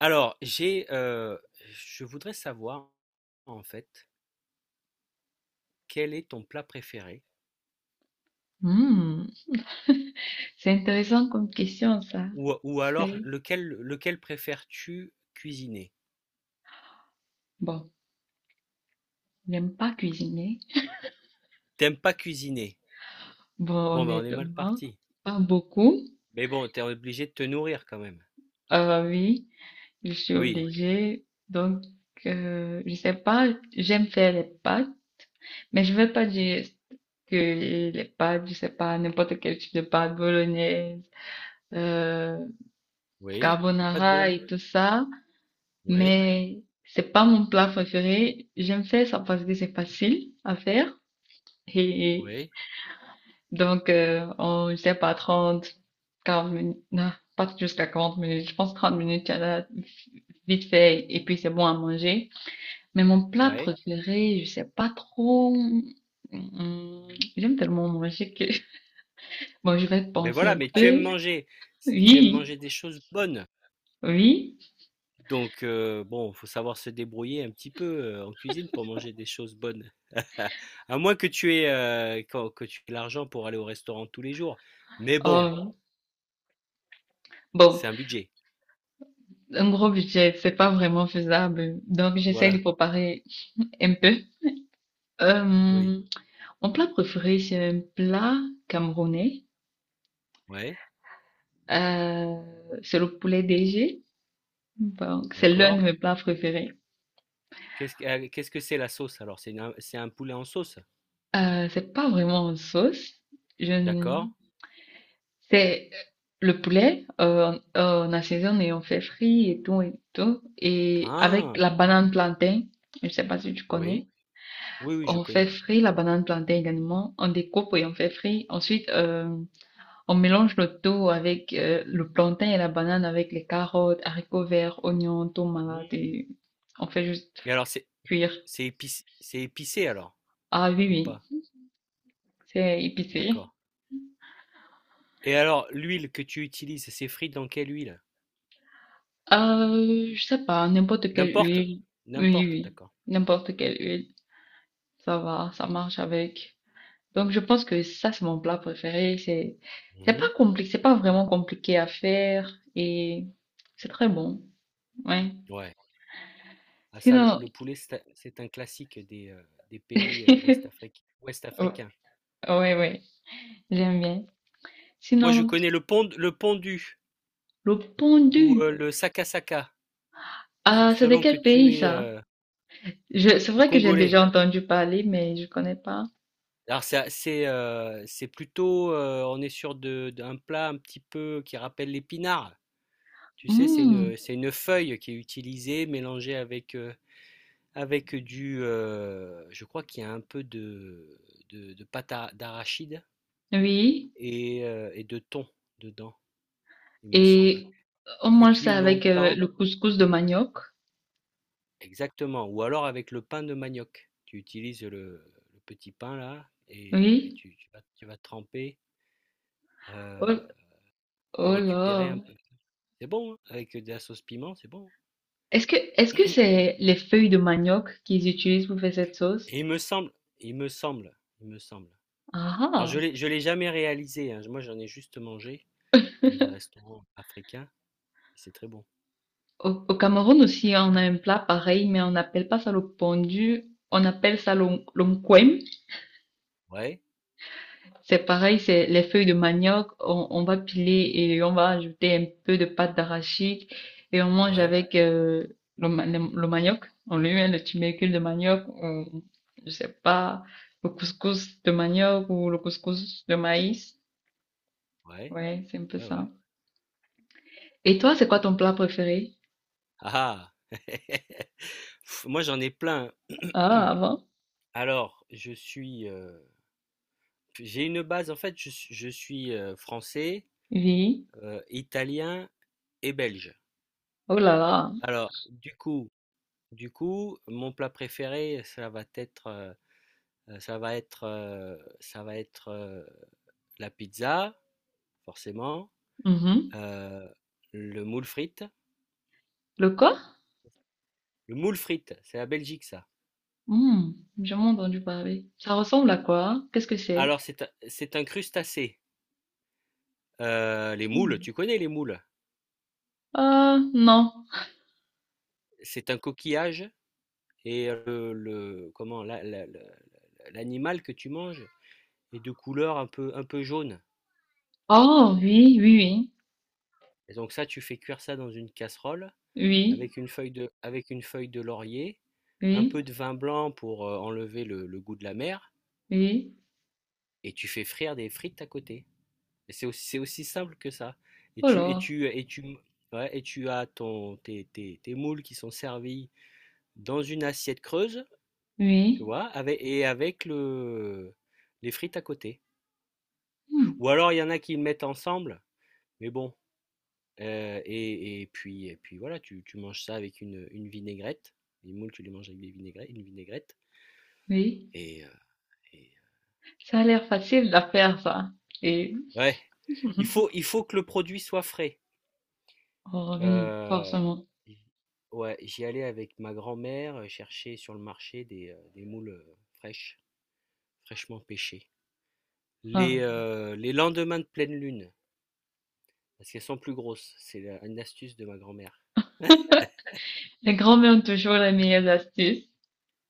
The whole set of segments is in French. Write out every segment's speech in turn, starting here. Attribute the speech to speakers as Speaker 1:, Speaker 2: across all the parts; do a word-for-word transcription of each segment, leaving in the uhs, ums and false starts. Speaker 1: Alors, j'ai, heu, je voudrais savoir, en fait, quel est ton plat préféré?
Speaker 2: Hmm, c'est intéressant comme question, ça.
Speaker 1: Ou ou alors
Speaker 2: C'est,
Speaker 1: lequel lequel préfères-tu cuisiner?
Speaker 2: bon, je n'aime pas cuisiner.
Speaker 1: T'aimes pas cuisiner?
Speaker 2: Bon,
Speaker 1: Bon, ben, on est mal
Speaker 2: honnêtement,
Speaker 1: parti.
Speaker 2: pas beaucoup.
Speaker 1: Mais bon, t'es obligé de te nourrir quand même.
Speaker 2: Euh, oui, je suis
Speaker 1: Oui,
Speaker 2: obligée. Donc, euh, je sais pas, j'aime faire les pâtes, mais je vais pas dire que les pâtes, je sais pas, n'importe quel type de pâtes, bolognaise, euh,
Speaker 1: oui, et pas de
Speaker 2: carbonara
Speaker 1: bologn
Speaker 2: et tout ça,
Speaker 1: oui,
Speaker 2: mais c'est pas mon plat préféré. J'aime faire ça parce que c'est facile à faire. Et
Speaker 1: oui,
Speaker 2: donc, euh, en, je sais pas, trente quarante minutes, non, pas jusqu'à quarante minutes, je pense trente minutes, il y en a vite fait, et puis c'est bon à manger. Mais mon plat
Speaker 1: ouais.
Speaker 2: préféré, je sais pas trop, hum, j'aime tellement manger que, bon, je vais
Speaker 1: Mais
Speaker 2: penser
Speaker 1: voilà,
Speaker 2: un
Speaker 1: mais tu aimes
Speaker 2: peu.
Speaker 1: manger. Si tu aimes
Speaker 2: Oui,
Speaker 1: manger des choses bonnes.
Speaker 2: oui,
Speaker 1: Donc, euh, bon, faut savoir se débrouiller un petit peu euh, en cuisine pour manger des choses bonnes. À moins que tu aies, euh, quand- que tu aies l'argent pour aller au restaurant tous les jours. Mais bon,
Speaker 2: oh. Bon,
Speaker 1: c'est un budget.
Speaker 2: un gros budget, c'est pas vraiment faisable, donc j'essaie de
Speaker 1: Voilà.
Speaker 2: préparer un peu.
Speaker 1: Oui.
Speaker 2: Euh, mon plat préféré, c'est un plat camerounais.
Speaker 1: Ouais.
Speaker 2: Euh, c'est le poulet D G. Bon, c'est l'un
Speaker 1: D'accord.
Speaker 2: de mes plats préférés.
Speaker 1: Qu'est-ce que, euh, qu'est-ce que c'est la sauce alors? C'est une- c'est un poulet en sauce.
Speaker 2: Euh, c'est pas vraiment une sauce. Je ne-
Speaker 1: D'accord.
Speaker 2: C'est le poulet, euh, on on assaisonne et on fait frit et tout et tout. Et avec
Speaker 1: Ah.
Speaker 2: la banane plantain, je sais pas si tu
Speaker 1: Oui.
Speaker 2: connais,
Speaker 1: Oui, oui, je
Speaker 2: on
Speaker 1: connais,
Speaker 2: fait
Speaker 1: ouais.
Speaker 2: frit la banane plantain également. On découpe et on fait frit. Ensuite, euh, on mélange le tout avec euh, le plantain et la banane avec les carottes, haricots verts, oignons, tomates
Speaker 1: Mm.
Speaker 2: et on fait juste
Speaker 1: Et alors, c'est,
Speaker 2: cuire.
Speaker 1: c'est épic- c'est épicé alors,
Speaker 2: Ah
Speaker 1: ou
Speaker 2: oui,
Speaker 1: pas?
Speaker 2: oui, c'est
Speaker 1: D'accord.
Speaker 2: épicé.
Speaker 1: Et alors, l'huile que tu utilises, c'est frit dans quelle huile?
Speaker 2: Euh, je sais pas, n'importe quelle
Speaker 1: N'importe?
Speaker 2: huile. Oui,
Speaker 1: N'importe,
Speaker 2: oui,
Speaker 1: d'accord.
Speaker 2: n'importe quelle huile. Ça va, ça marche avec. Donc je pense que ça, c'est mon plat préféré. C'est, c'est pas
Speaker 1: Mmh.
Speaker 2: compliqué, c'est pas vraiment compliqué à faire et c'est très bon. Ouais.
Speaker 1: Ouais. Ah ça, le
Speaker 2: Sinon,
Speaker 1: le poulet, c'est un c'est un classique des, heu, des pays, heu, ouest afric ouest africains.
Speaker 2: ouais, ouais, j'aime bien.
Speaker 1: Moi, je
Speaker 2: Sinon,
Speaker 1: connais le pond le pondu
Speaker 2: le pondu.
Speaker 1: ou, heu, le sakasaka, se
Speaker 2: Ah, c'est de
Speaker 1: selon que
Speaker 2: quel
Speaker 1: tu
Speaker 2: pays
Speaker 1: es,
Speaker 2: ça?
Speaker 1: heu,
Speaker 2: Je, c'est vrai que j'ai
Speaker 1: congolais.
Speaker 2: déjà entendu parler, mais je connais pas.
Speaker 1: Alors c'est c'est, heu, c'est plutôt, heu, on est sur de d'un plat un petit peu qui rappelle l'épinard. Tu sais, c'est
Speaker 2: Hmm,
Speaker 1: une, c'est une feuille qui est utilisée, mélangée avec, heu. Avec du, heu, je crois qu'il y a un peu de de de pâte à d'arachide
Speaker 2: oui.
Speaker 1: et heu et de thon dedans, il me semble.
Speaker 2: Et on
Speaker 1: C'est
Speaker 2: mange
Speaker 1: cuit
Speaker 2: ça avec euh,
Speaker 1: longtemps
Speaker 2: le couscous de manioc.
Speaker 1: exactement, ou alors avec le pain de manioc. Tu utilises le le petit pain là et heu et
Speaker 2: Oui.
Speaker 1: tu tu vas tu vas tremper,
Speaker 2: Oh,
Speaker 1: heu,
Speaker 2: oh
Speaker 1: pour récupérer
Speaker 2: là.
Speaker 1: un peu c'est bon, hein, avec de la sauce piment, c'est bon.
Speaker 2: Est-ce que est-ce que c'est les feuilles de manioc qu'ils utilisent pour faire cette sauce?
Speaker 1: Et il me semble il me semble il me semble.
Speaker 2: Ah.
Speaker 1: Alors je
Speaker 2: Ah.
Speaker 1: l'ai je l'ai jamais réalisé, hein, moi j'en ai juste mangé dans des restaurants africains c'est très bon.
Speaker 2: Au, au Cameroun aussi, on a un plat pareil, mais on n'appelle pas ça le pondu. On appelle ça l'on-
Speaker 1: Ouais,
Speaker 2: C'est pareil, c'est les feuilles de manioc, on, on va piler et on va ajouter un peu de pâte d'arachide et on mange
Speaker 1: ouais,
Speaker 2: avec euh, le, ma- le, le manioc. On lui met le tubercule de manioc, on, je sais pas, le couscous de manioc ou le couscous de maïs.
Speaker 1: ouais,
Speaker 2: Ouais, c'est un peu
Speaker 1: ouais,
Speaker 2: ça.
Speaker 1: ouais.
Speaker 2: Et toi, c'est quoi ton plat préféré?
Speaker 1: Ah ah. Pff, moi j'en ai plein.
Speaker 2: Ah, avant?
Speaker 1: Alors, je suis, euh, j'ai une base en fait. Je, suis je suis, euh, français,
Speaker 2: Oui.
Speaker 1: euh, italien et belge.
Speaker 2: Oh là là.
Speaker 1: Alors, du coup, du coup, mon plat préféré, ça va être, euh, euh, ça va être, euh, ça va être euh, la pizza, forcément,
Speaker 2: Mhm.
Speaker 1: euh, le moule frite.
Speaker 2: Le quoi?
Speaker 1: Le moule frite, c'est la Belgique ça.
Speaker 2: Hmm, j'ai jamais entendu parler. Ça ressemble à quoi? Qu'est-ce que c'est?
Speaker 1: Alors, c'est un, c'est un crustacé. Euh, les moules,
Speaker 2: Hmm.
Speaker 1: tu connais les moules?
Speaker 2: Ah, non.
Speaker 1: C'est un coquillage et euh, le, comment la- la- la- l'animal que tu manges est de couleur un peu un peu jaune.
Speaker 2: Oh oui, oui,
Speaker 1: Et donc ça, tu fais cuire ça dans une casserole
Speaker 2: oui, oui,
Speaker 1: avec une feuille de avec une feuille de laurier, un
Speaker 2: oui,
Speaker 1: peu de vin blanc pour euh, enlever le, le goût de la mer
Speaker 2: oui.
Speaker 1: et tu fais frire des frites à côté. Et c'est aussi c'est aussi simple que ça. Et
Speaker 2: Oh
Speaker 1: tu et
Speaker 2: là,
Speaker 1: tu et tu ouais, et tu as ton tes, tes, tes moules qui sont servis dans une assiette creuse tu
Speaker 2: oui,
Speaker 1: vois, avec, et avec le, les frites à côté.
Speaker 2: hmm,
Speaker 1: Ou alors il y en a qui le mettent ensemble, mais bon. Euh, et, et puis, et puis voilà, tu, tu manges ça avec une, une vinaigrette. Les moules, tu les manges avec des vinaigrettes, une vinaigrette.
Speaker 2: oui.
Speaker 1: Et, euh, et-
Speaker 2: Ça a l'air facile de faire ça. Et
Speaker 1: ouais, il faut, il faut que le produit soit frais.
Speaker 2: oh oui,
Speaker 1: Euh,
Speaker 2: forcément.
Speaker 1: j- ouais, j'y allais avec ma grand-mère euh, chercher sur le marché des, euh, des moules euh, fraîches, fraîchement pêchées. Les,
Speaker 2: Alors,
Speaker 1: euh, les lendemains de pleine lune. Parce qu'elles sont plus grosses. C'est la- une astuce de ma grand-mère.
Speaker 2: les grands-mères ont toujours les meilleures astuces.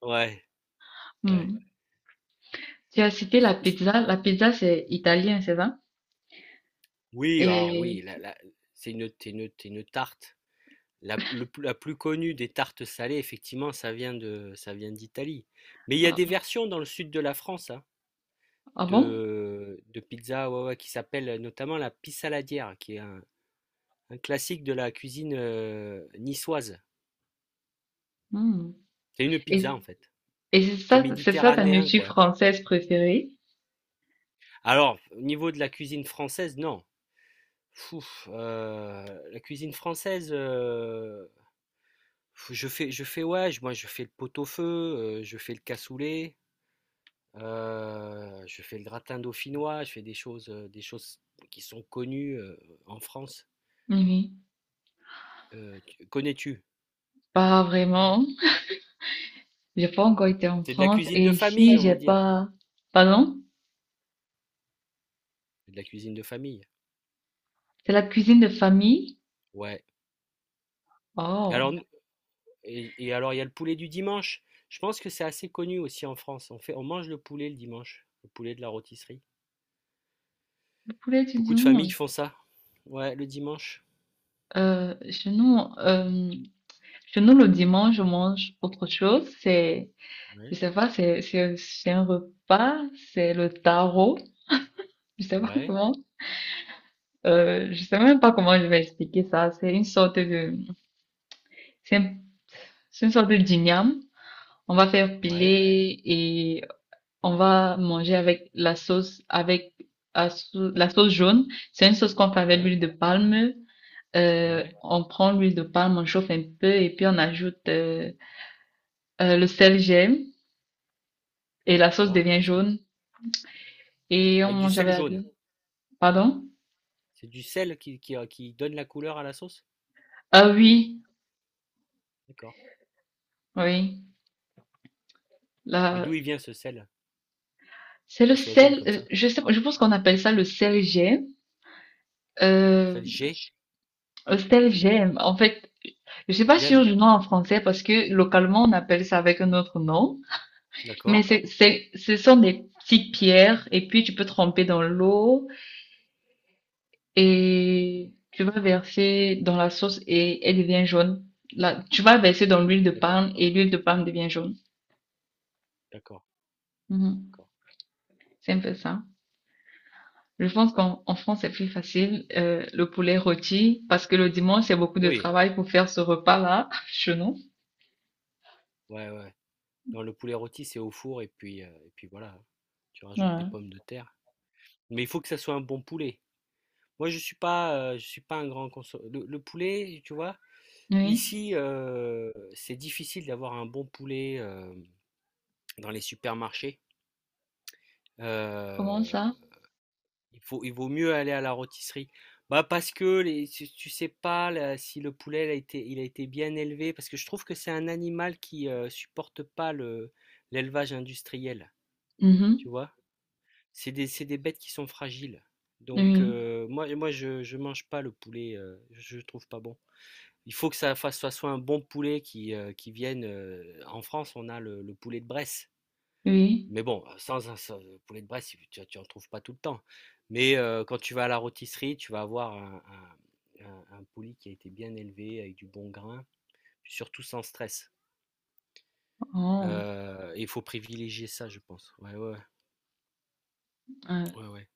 Speaker 1: Ouais, ouais.
Speaker 2: Hmm. Tu as cité la
Speaker 1: C'est- c'est-
Speaker 2: pizza. La pizza, c'est italien, c'est ça?
Speaker 1: Oui, alors oui,
Speaker 2: Et
Speaker 1: la- la- c'est une, c'est une, c'est une tarte. La, le plus- la plus connue des tartes salées, effectivement, ça vient de, ça vient d'Italie. Mais il y a des
Speaker 2: ah,
Speaker 1: versions dans le sud de la France hein,
Speaker 2: ah bon?
Speaker 1: de, de pizza ouais, ouais, qui s'appelle notamment la pissaladière, qui est un, un classique de la cuisine euh, niçoise.
Speaker 2: Hmm.
Speaker 1: C'est une pizza
Speaker 2: Et,
Speaker 1: en fait.
Speaker 2: et c'est
Speaker 1: C'est
Speaker 2: ça, c'est ça ta
Speaker 1: méditerranéen
Speaker 2: nourriture
Speaker 1: quoi.
Speaker 2: française préférée?
Speaker 1: Alors, au niveau de la cuisine française, non. Fouf, heu, la cuisine française, heu, je fais je fais ouais, je moi je fais le pot-au-feu, heu, je fais le cassoulet, heu, je fais le gratin dauphinois, je fais des choses, heu, des choses qui sont connues, heu, en France.
Speaker 2: Oui.
Speaker 1: Heu, tu connais-tu?
Speaker 2: Pas vraiment. J'ai pas encore été en
Speaker 1: C'est de la
Speaker 2: France
Speaker 1: cuisine
Speaker 2: et
Speaker 1: de
Speaker 2: ici,
Speaker 1: famille, on
Speaker 2: j'ai
Speaker 1: va dire.
Speaker 2: pas. Pardon?
Speaker 1: C'est de la cuisine de famille.
Speaker 2: C'est la cuisine de famille?
Speaker 1: Ouais. Et alors
Speaker 2: Oh,
Speaker 1: n et et alors il y a le poulet du dimanche. Je pense que c'est assez connu aussi en France. On fait on mange le poulet le dimanche, le poulet de la rôtisserie.
Speaker 2: le poulet du
Speaker 1: Beaucoup de
Speaker 2: dimanche.
Speaker 1: familles font ça. Ouais, le dimanche.
Speaker 2: Euh, chez nous, euh, chez nous, le dimanche, on mange autre chose. C'est, je
Speaker 1: Ouais,
Speaker 2: sais pas, c'est, c'est, c'est un repas, c'est le tarot. Je sais pas
Speaker 1: ouais,
Speaker 2: comment, euh, je sais même pas comment je vais expliquer ça. C'est une sorte de, c'est un- c'est une sorte de dîniam. On va faire
Speaker 1: ouais,
Speaker 2: piler et on va manger avec la sauce, avec la sau- la sauce jaune. C'est une sauce qu'on fait avec
Speaker 1: ouais,
Speaker 2: l'huile de palme. Euh,
Speaker 1: ouais,
Speaker 2: on prend l'huile de palme, on chauffe un peu et puis on ajoute euh, euh, le sel gemme et la sauce
Speaker 1: d'accord.
Speaker 2: devient
Speaker 1: Qu'est-ce que...
Speaker 2: jaune et on
Speaker 1: Avec du
Speaker 2: mange
Speaker 1: sel
Speaker 2: avec la
Speaker 1: jaune.
Speaker 2: viande. Pardon?
Speaker 1: C'est du sel qui, qui, euh, qui donne la couleur à la sauce?
Speaker 2: Ah oui,
Speaker 1: D'accord.
Speaker 2: oui.
Speaker 1: Mais
Speaker 2: Là,
Speaker 1: d'où il vient ce sel
Speaker 2: c'est
Speaker 1: pour
Speaker 2: le
Speaker 1: qu'il soit jaune
Speaker 2: sel.
Speaker 1: comme
Speaker 2: euh,
Speaker 1: ça?
Speaker 2: je sais, pas, je pense qu'on appelle ça le sel gemme. Euh,
Speaker 1: Sel G,
Speaker 2: le sel gemme. En fait, je suis pas sûre
Speaker 1: j'aime.
Speaker 2: du nom en français parce que localement on appelle ça avec un autre nom. Mais
Speaker 1: D'accord,
Speaker 2: c'est, c'est, ce sont des petites pierres et puis tu peux tremper dans l'eau et tu vas verser dans la sauce et elle devient jaune. Là, tu vas verser dans l'huile de
Speaker 1: d'accord,
Speaker 2: palme et l'huile de palme devient jaune.
Speaker 1: d'accord,
Speaker 2: Mhm.
Speaker 1: d'accord.
Speaker 2: C'est un peu ça. Je pense qu'en en France, c'est plus facile, euh, le poulet rôti, parce que le dimanche, c'est beaucoup de
Speaker 1: Oui,
Speaker 2: travail pour faire ce repas-là, chez nous.
Speaker 1: ouais, ouais. Non, le poulet rôti, c'est au four et puis, euh, et puis voilà. Tu rajoutes des
Speaker 2: Ouais.
Speaker 1: pommes de terre. Mais il faut que ça soit un bon poulet. Moi, je suis pas, euh, je suis pas un grand consommateur. Le, le poulet, tu vois,
Speaker 2: Oui.
Speaker 1: ici, euh, c'est difficile d'avoir un bon poulet. Euh, dans les supermarchés.
Speaker 2: Comment
Speaker 1: Euh,
Speaker 2: ça?
Speaker 1: il faut, il vaut mieux aller à la rôtisserie. Bah parce que les, tu sais pas là, si le poulet il a été, il a été bien élevé, parce que je trouve que c'est un animal qui euh, supporte pas le, l'élevage industriel, tu
Speaker 2: Mhm.
Speaker 1: vois. C'est des, c'est des bêtes qui sont fragiles. Donc
Speaker 2: Oui.
Speaker 1: euh, moi, moi je, je mange pas le poulet, euh, je, je trouve pas bon. Il faut que ça fasse, ça soit un bon poulet qui, euh, qui vienne. Euh, en France, on a le, le poulet de Bresse.
Speaker 2: Oui.
Speaker 1: Mais bon, euh, sans, un- sans- poulet de Bresse, tu, tu en trouves pas tout le temps. Mais euh, quand tu vas à la rôtisserie, tu vas avoir un, un- un- un poulet qui a été bien élevé, avec du bon grain, surtout sans stress.
Speaker 2: Oh.
Speaker 1: Euh, et il faut privilégier ça, je pense. Ouais, ouais,
Speaker 2: Euh,
Speaker 1: ouais, ouais,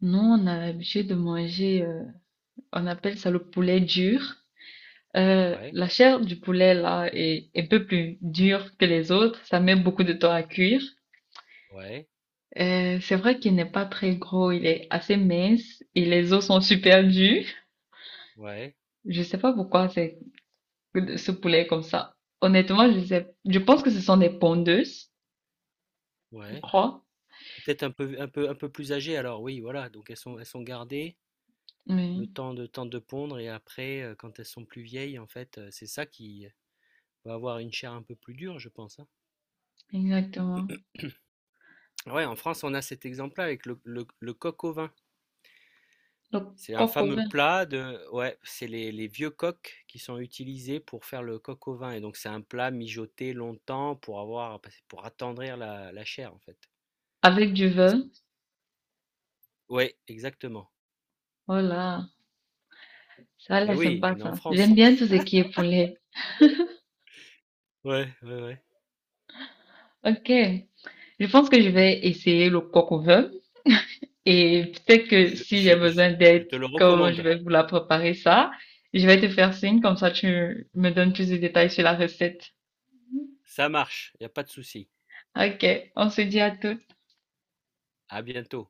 Speaker 2: nous, on a l'habitude de manger, euh, on appelle ça le poulet dur. Euh,
Speaker 1: ouais,
Speaker 2: la chair du poulet là est est un peu plus dure que les autres. Ça met beaucoup de temps à cuire.
Speaker 1: ouais,
Speaker 2: Euh, c'est vrai qu'il n'est pas très gros, il est assez mince et les os sont super durs.
Speaker 1: ouais,
Speaker 2: Je sais pas pourquoi c'est ce poulet est comme ça. Honnêtement, je sais, je pense que ce sont des pondeuses,
Speaker 1: ouais,
Speaker 2: je
Speaker 1: ouais.
Speaker 2: crois.
Speaker 1: Peut-être un peu, un peu, un peu plus âgées alors, oui, voilà. Donc elles sont, elles sont gardées le
Speaker 2: Oui,
Speaker 1: temps de, temps de pondre et après, euh, quand elles sont plus vieilles, en fait, euh, c'est ça qui va avoir une chair un peu plus dure, je pense, hein.
Speaker 2: exactement.
Speaker 1: Ouais, en France, on a cet exemple-là avec le, le- le coq au vin.
Speaker 2: Donc,
Speaker 1: C'est un
Speaker 2: coq au
Speaker 1: fameux
Speaker 2: vin
Speaker 1: plat de, ouais, c'est les, les vieux coqs qui sont utilisés pour faire le coq au vin. Et donc, c'est un plat mijoté longtemps pour avoir, pour attendrir la, la chair, en fait.
Speaker 2: avec du
Speaker 1: Parce
Speaker 2: vin.
Speaker 1: que, ouais, exactement.
Speaker 2: Voilà, ça a
Speaker 1: Et
Speaker 2: l'air
Speaker 1: oui,
Speaker 2: sympa
Speaker 1: on est en
Speaker 2: ça.
Speaker 1: France.
Speaker 2: J'aime bien tout ce qui est poulet.
Speaker 1: Ouais, ouais, ouais.
Speaker 2: Ok, je pense que je vais essayer le coq au vin. Et peut-être que
Speaker 1: Je,
Speaker 2: si j'ai
Speaker 1: je, je,
Speaker 2: besoin
Speaker 1: je
Speaker 2: d'aide
Speaker 1: te le
Speaker 2: quand je
Speaker 1: recommande.
Speaker 2: vais vous la préparer ça, je vais te faire signe, comme ça tu me donnes plus de détails sur la recette.
Speaker 1: Ça marche, il n'y a pas de souci.
Speaker 2: Ok, on se dit à tout.
Speaker 1: À bientôt.